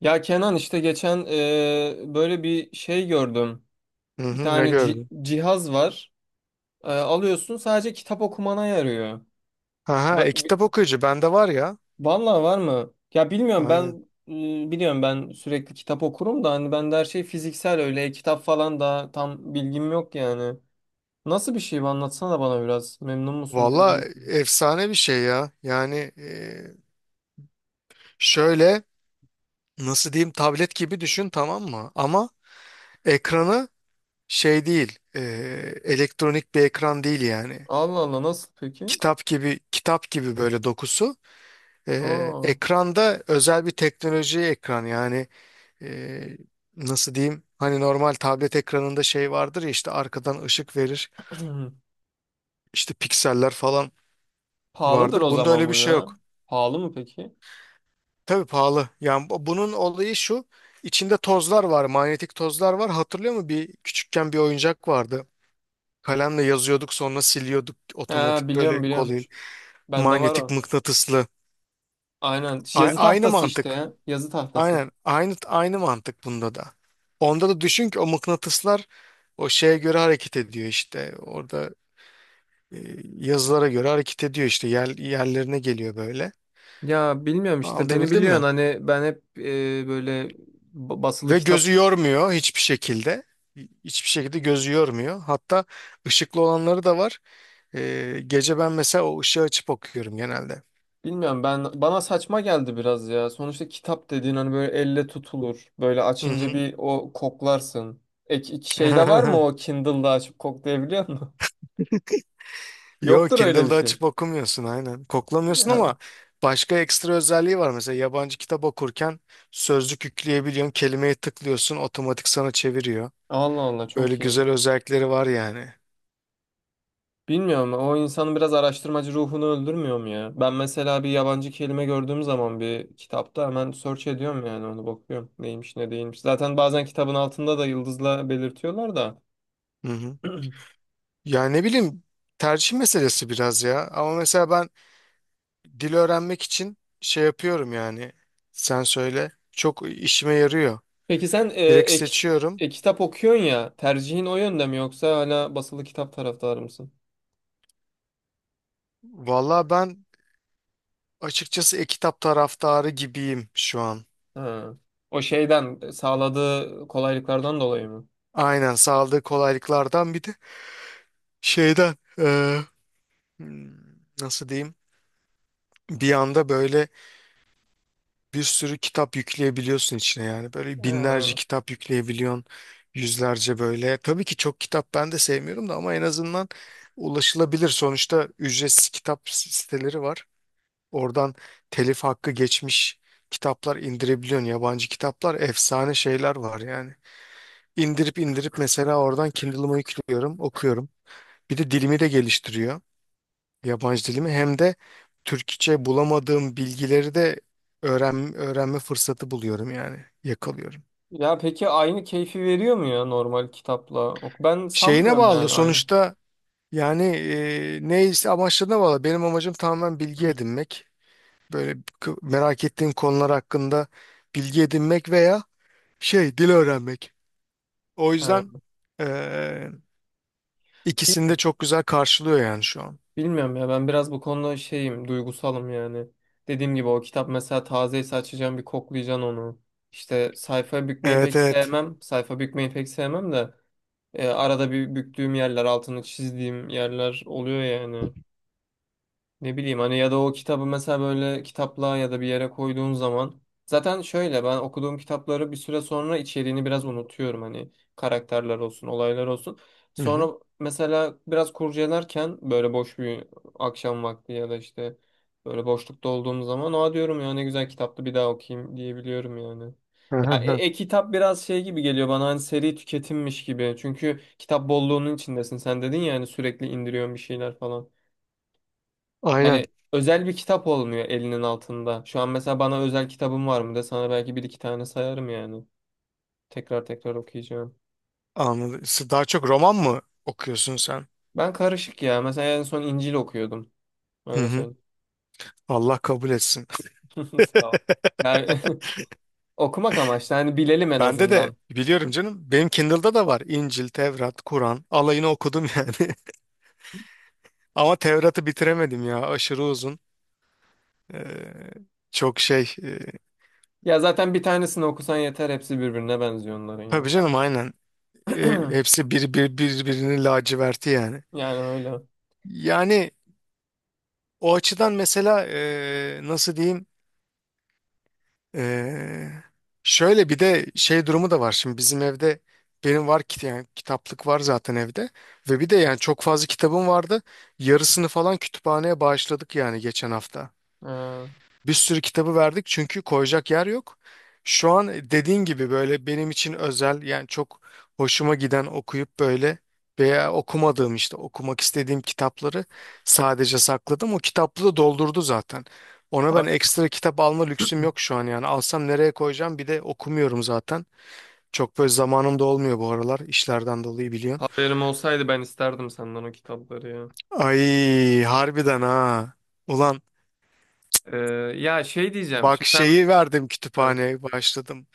Ya Kenan işte geçen böyle bir şey gördüm. Hı Bir hı, ne tane gördün? cihaz var. Alıyorsun, sadece kitap okumana yarıyor. Aha, Ba- bi- kitap okuyucu bende var ya. Vallahi, var mı? Ya bilmiyorum Aynen. ben. Biliyorum, ben sürekli kitap okurum da hani, ben de her şey fiziksel, öyle kitap falan da tam bilgim yok yani. Nasıl bir şey bu, anlatsana bana biraz. Memnun musun değil Valla, misin? efsane bir şey ya. Yani şöyle, nasıl diyeyim, tablet gibi düşün, tamam mı? Ama ekranı şey değil. Elektronik bir ekran değil yani. Allah Allah, nasıl peki? Kitap gibi, kitap gibi böyle dokusu. E, Aa. ekranda özel bir teknoloji ekran yani, e, nasıl diyeyim? Hani normal tablet ekranında şey vardır ya, işte arkadan ışık verir. İşte pikseller falan Pahalıdır o vardır. Bunda zaman öyle bir bu şey ya. yok. Pahalı mı peki? Tabii pahalı. Yani bunun olayı şu. İçinde tozlar var, manyetik tozlar var. Hatırlıyor musun? Bir küçükken bir oyuncak vardı. Kalemle yazıyorduk, sonra siliyorduk Ha, otomatik, böyle biliyorum biliyorum. kolay. Bende var Manyetik o. mıknatıslı. Aynen. A- Yazı aynı tahtası işte mantık. ya. Yazı tahtası. Aynen. Aynı mantık bunda da. Onda da düşün ki o mıknatıslar o şeye göre hareket ediyor işte. Orada e, yazılara göre hareket ediyor işte. Yerlerine geliyor böyle. Ya bilmiyorum işte, beni Anlatabildim biliyorsun mi? hani, ben hep böyle basılı Ve gözü kitap. yormuyor hiçbir şekilde. Hiçbir şekilde gözü yormuyor. Hatta ışıklı olanları da var. Gece ben mesela o ışığı açıp okuyorum genelde. Bilmiyorum, ben bana saçma geldi biraz ya. Sonuçta kitap dediğin hani böyle elle tutulur. Böyle Hı açınca hı. bir o koklarsın. İki şey var mı, o Kindle'da açıp koklayabiliyor musun? Yok, Yoktur öyle bir Kindle'da şey. açıp okumuyorsun, aynen. Koklamıyorsun Ya, ama başka ekstra özelliği var. Mesela yabancı kitap okurken sözlük yükleyebiliyorsun. Kelimeyi tıklıyorsun, otomatik sana çeviriyor. Allah Allah, Böyle çok iyi. güzel özellikleri var yani. Bilmiyorum, o insanın biraz araştırmacı ruhunu öldürmüyor mu ya? Ben mesela bir yabancı kelime gördüğüm zaman bir kitapta hemen search ediyorum yani, onu bakıyorum. Neymiş ne değilmiş. Zaten bazen kitabın altında da yıldızla belirtiyorlar da. Hı hı. Yani, ne bileyim, tercih meselesi biraz ya. Ama mesela ben dil öğrenmek için şey yapıyorum yani. Sen söyle. Çok işime yarıyor. Peki sen Direkt seçiyorum. Kitap okuyorsun ya, tercihin o yönde mi, yoksa hala basılı kitap taraftarı mısın? Valla ben, açıkçası e-kitap taraftarı gibiyim şu an. Ha. O şeyden sağladığı kolaylıklardan dolayı mı? Aynen, sağladığı kolaylıklardan, bir de şeyden, nasıl diyeyim? Bir anda böyle bir sürü kitap yükleyebiliyorsun içine yani. Böyle binlerce Ha. kitap yükleyebiliyorsun. Yüzlerce böyle. Tabii ki çok kitap ben de sevmiyorum da, ama en azından ulaşılabilir. Sonuçta ücretsiz kitap siteleri var. Oradan telif hakkı geçmiş kitaplar indirebiliyorsun. Yabancı kitaplar, efsane şeyler var yani. İndirip indirip mesela oradan Kindle'ıma yüklüyorum, okuyorum. Bir de dilimi de geliştiriyor. Yabancı dilimi, hem de Türkçe bulamadığım bilgileri de öğrenme fırsatı buluyorum yani. Yakalıyorum. Ya peki aynı keyfi veriyor mu ya normal kitapla? Ok- ben Şeyine sanmıyorum bağlı yani aynı. sonuçta yani, neyse, amaçlarına bağlı. Benim amacım tamamen bilgi edinmek. Böyle merak ettiğim konular hakkında bilgi edinmek, veya şey, dil öğrenmek. O yüzden Ha. eee ikisini de çok güzel karşılıyor yani şu an. Bilmiyorum ya, ben biraz bu konuda şeyim, duygusalım yani. Dediğim gibi o kitap mesela tazeyse, açacağım bir koklayacaksın onu. İşte sayfa bükmeyi Evet, pek evet. sevmem. Sayfa bükmeyi pek sevmem de arada bir büktüğüm yerler, altını çizdiğim yerler oluyor yani. Ne bileyim hani, ya da o kitabı mesela böyle kitaplığa ya da bir yere koyduğun zaman, zaten şöyle, ben okuduğum kitapları bir süre sonra içeriğini biraz unutuyorum hani, karakterler olsun olaylar olsun. Hı hı. Sonra mesela biraz kurcalarken, böyle boş bir akşam vakti, ya da işte böyle boşlukta olduğum zaman, aa diyorum ya, ne güzel kitaptı, bir daha okuyayım diyebiliyorum yani. Hı hı Ya hı. e-kitap biraz şey gibi geliyor bana, hani seri tüketimmiş gibi. Çünkü kitap bolluğunun içindesin. Sen dedin ya hani, sürekli indiriyorsun bir şeyler falan. Aynen, Yani özel bir kitap olmuyor elinin altında. Şu an mesela bana özel kitabım var mı de, sana belki bir iki tane sayarım yani. Tekrar tekrar okuyacağım. anladım. Daha çok roman mı okuyorsun sen? Ben karışık ya. Mesela en son İncil okuyordum. Hı Öyle hı. söyleyeyim. Allah kabul etsin. Sağ ol. Yani okumak amaçlı. Hani bilelim en Bende de azından. biliyorum canım. Benim Kindle'da da var. İncil, Tevrat, Kur'an. Alayını okudum yani. Ama Tevrat'ı bitiremedim ya. Aşırı uzun. Eee, çok şey. eee, Ya zaten bir tanesini okusan yeter. Hepsi birbirine benziyor onların tabii ya. canım, aynen. E, hepsi birbirini laciverti yani. Yani öyle. Yani, o açıdan mesela, nasıl diyeyim. Eee, şöyle bir de şey durumu da var şimdi bizim evde, benim var ki yani, kitaplık var zaten evde, ve bir de yani çok fazla kitabım vardı, yarısını falan kütüphaneye bağışladık yani geçen hafta. Ee, Bir sürü kitabı verdik çünkü koyacak yer yok. Şu an, dediğin gibi, böyle benim için özel yani, çok hoşuma giden, okuyup böyle, veya okumadığım, işte okumak istediğim kitapları sadece sakladım. O kitaplığı doldurdu zaten. Ona ben ha- ekstra kitap alma lüksüm yok şu an yani. Alsam nereye koyacağım? Bir de okumuyorum zaten. Çok böyle zamanım da olmuyor bu aralar, işlerden dolayı biliyorsun. Haberim olsaydı ben isterdim senden o kitapları ya. Ay, harbiden ha. Ulan, Ee, Ya şey diyeceğim. bak, Şimdi sen. şeyi verdim kütüphaneye, başladım.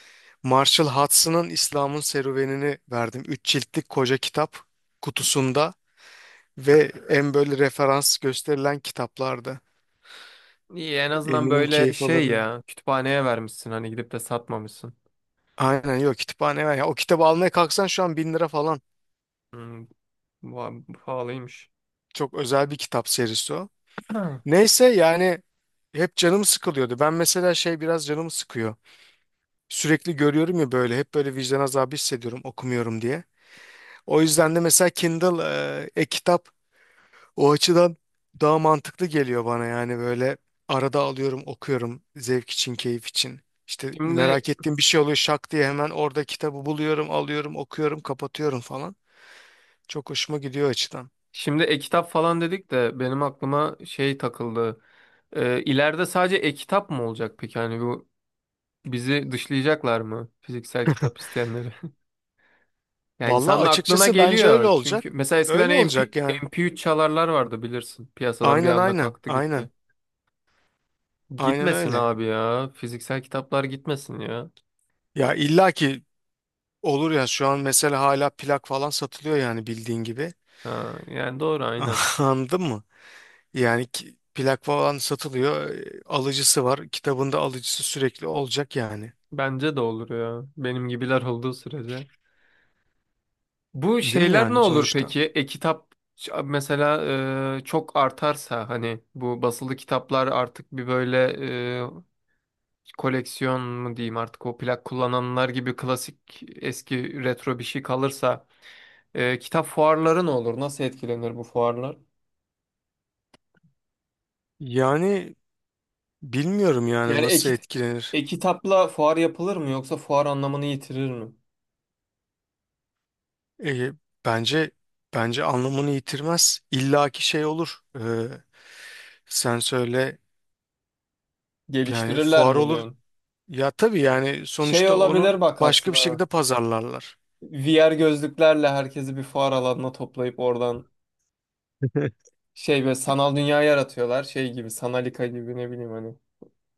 Marshall Hudson'ın İslam'ın Serüveni'ni verdim. 3 ciltlik koca kitap, kutusunda, ve en böyle referans gösterilen kitaplarda. İyi en azından Eminim böyle keyif şey alırdın. ya, kütüphaneye vermişsin, hani gidip de satmamışsın. Aynen, yok, kütüphane var. Ya, o kitabı almaya kalksan şu an 1.000 lira falan. Hmm, bu pahalıymış. Çok özel bir kitap serisi o. Ha. Neyse yani, hep canım sıkılıyordu. Ben mesela şey, biraz canım sıkıyor. Sürekli görüyorum ya böyle, hep böyle vicdan azabı hissediyorum okumuyorum diye. O yüzden de mesela Kindle, e-kitap, o açıdan daha mantıklı geliyor bana yani, böyle arada alıyorum okuyorum, zevk için, keyif için. İşte Şimdi, merak ettiğim bir şey oluyor, şak diye hemen orada kitabı buluyorum, alıyorum, okuyorum, kapatıyorum falan. Çok hoşuma gidiyor o açıdan. E-kitap falan dedik de benim aklıma şey takıldı. İleride sadece e-kitap mı olacak peki? Hani bu bizi dışlayacaklar mı, fiziksel kitap isteyenleri? Yani Valla, insanın aklına açıkçası bence öyle geliyor, çünkü olacak. mesela eskiden Öyle olacak yani. MP3 çalarlar vardı, bilirsin. Piyasadan bir Aynen, anda aynen, kalktı gitti. aynen, aynen Gitmesin öyle. abi ya. Fiziksel kitaplar gitmesin ya. Ya illa ki olur ya, şu an mesela hala plak falan satılıyor yani, bildiğin gibi. Ha, yani doğru, aynen. Anladın mı? Yani plak falan satılıyor. Alıcısı var. Kitabında alıcısı sürekli olacak yani. Bence de olur ya. Benim gibiler olduğu sürece. Bu Değil mi şeyler ne yani olur sonuçta? peki? Mesela çok artarsa, hani bu basılı kitaplar artık bir böyle e, koleksiyon mu diyeyim, artık o plak kullananlar gibi klasik eski retro bir şey kalırsa, kitap fuarları ne olur? Nasıl etkilenir bu fuarlar? Yani bilmiyorum yani Yani nasıl etkilenir. e-kitapla fuar yapılır mı, yoksa fuar anlamını yitirir mi? E, bence bence anlamını yitirmez. İlla şey olur. Sen söyle, yani Geliştirirler fuar mi olur. diyorsun? Ya tabii yani, Şey sonuçta onu olabilir bak başka bir aslında. şekilde pazarlarlar. VR gözlüklerle herkesi bir fuar alanına toplayıp oradan şey, böyle sanal dünya yaratıyorlar. Şey gibi, Sanalika gibi, ne bileyim hani,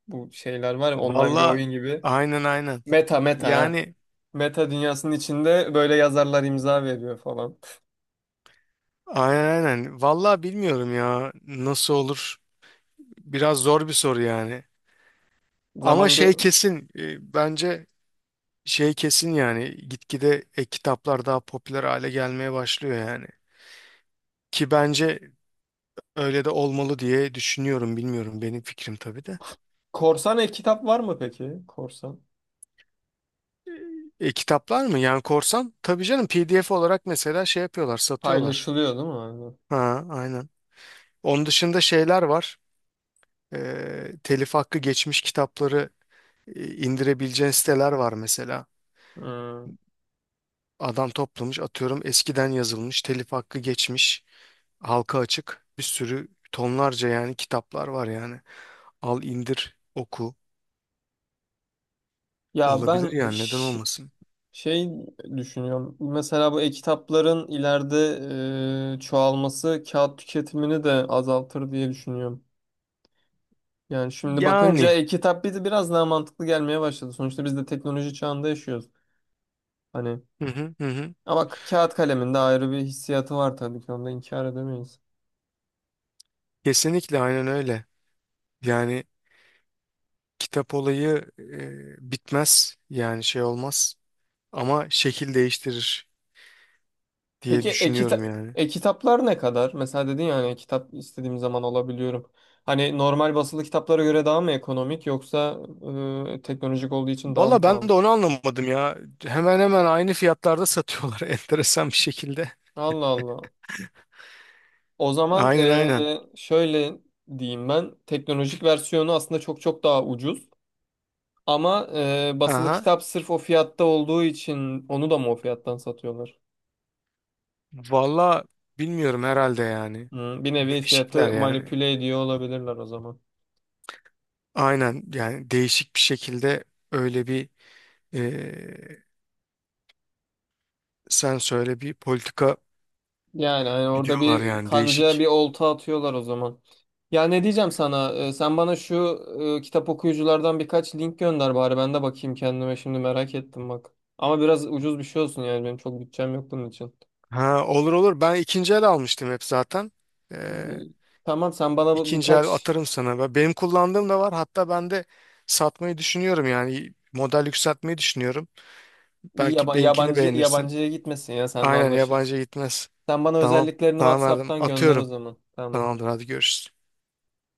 bu şeyler var ya, online bir Valla, oyun gibi. aynen, aynen. Meta, meta ha. Yani, Meta dünyasının içinde böyle yazarlar imza veriyor falan. aynen, aynen. Valla bilmiyorum ya, nasıl olur. Biraz zor bir soru yani. Ama Zaman gö- şey kesin, bence şey kesin yani, gitgide kitaplar daha popüler hale gelmeye başlıyor yani. Ki bence öyle de olmalı diye düşünüyorum, bilmiyorum, benim fikrim tabii de. Korsan e-kitap var mı peki? Korsan. Kitaplar mı yani korsan? Tabii canım, PDF olarak mesela şey yapıyorlar, satıyorlar. Paylaşılıyor değil mi? Aynen. Ha, aynen. Onun dışında şeyler var. Telif hakkı geçmiş kitapları indirebileceğin siteler var mesela. Hmm. Adam toplamış atıyorum eskiden yazılmış telif hakkı geçmiş. Halka açık bir sürü, tonlarca yani kitaplar var yani. Al, indir, oku, Ya olabilir ben yani, neden ş- olmasın? Şey düşünüyorum. Mesela bu e-kitapların ileride çoğalması kağıt tüketimini de azaltır diye düşünüyorum. Yani şimdi bakınca Yani, e-kitap bizi biraz daha mantıklı gelmeye başladı. Sonuçta biz de teknoloji çağında yaşıyoruz. Hani hı hı hı. Hı. ama kağıt kalemin de ayrı bir hissiyatı var tabii ki, onu da inkar edemeyiz. Kesinlikle, aynen öyle. Yani kitap olayı bitmez yani, şey olmaz, ama şekil değiştirir diye Peki düşünüyorum yani. e-kitaplar ne kadar? Mesela dedin ya hani, kitap istediğim zaman alabiliyorum. Hani normal basılı kitaplara göre daha mı ekonomik, yoksa teknolojik olduğu için daha mı Valla ben pahalı? de onu anlamadım ya. Hemen hemen aynı fiyatlarda satıyorlar enteresan bir şekilde. Allah Allah. O zaman Aynen, aynen. Şöyle diyeyim ben. Teknolojik versiyonu aslında çok çok daha ucuz. Ama basılı Aha. kitap sırf o fiyatta olduğu için, onu da mı o fiyattan satıyorlar? Valla bilmiyorum, herhalde yani. Bir nevi Değişikler fiyatı yani. manipüle ediyor olabilirler o zaman. Aynen yani, değişik bir şekilde, öyle bir, eee, sen söyle, bir politika Yani hani orada gidiyorlar bir yani, kanca, bir değişik. olta atıyorlar o zaman. Ya ne diyeceğim sana? Sen bana şu kitap okuyuculardan birkaç link gönder bari, ben de bakayım kendime, şimdi merak ettim bak. Ama biraz ucuz bir şey olsun yani, benim çok bütçem yok bunun için. Ha, olur olur, ben ikinci el almıştım hep zaten. Eee Tamam, sen bana bu ikinci el birkaç atarım sana. Ve benim kullandığım da var, hatta ben de satmayı düşünüyorum yani, model yükseltmeyi düşünüyorum. Belki benimkini yabancı beğenirsin. yabancıya gitmesin ya, seninle Aynen, yabancı anlaşırız. gitmez. Sen bana Tamam, özelliklerini tamam, verdim WhatsApp'tan gönder o atıyorum. zaman. Tamamdır, Tamamdır. hadi görüşürüz.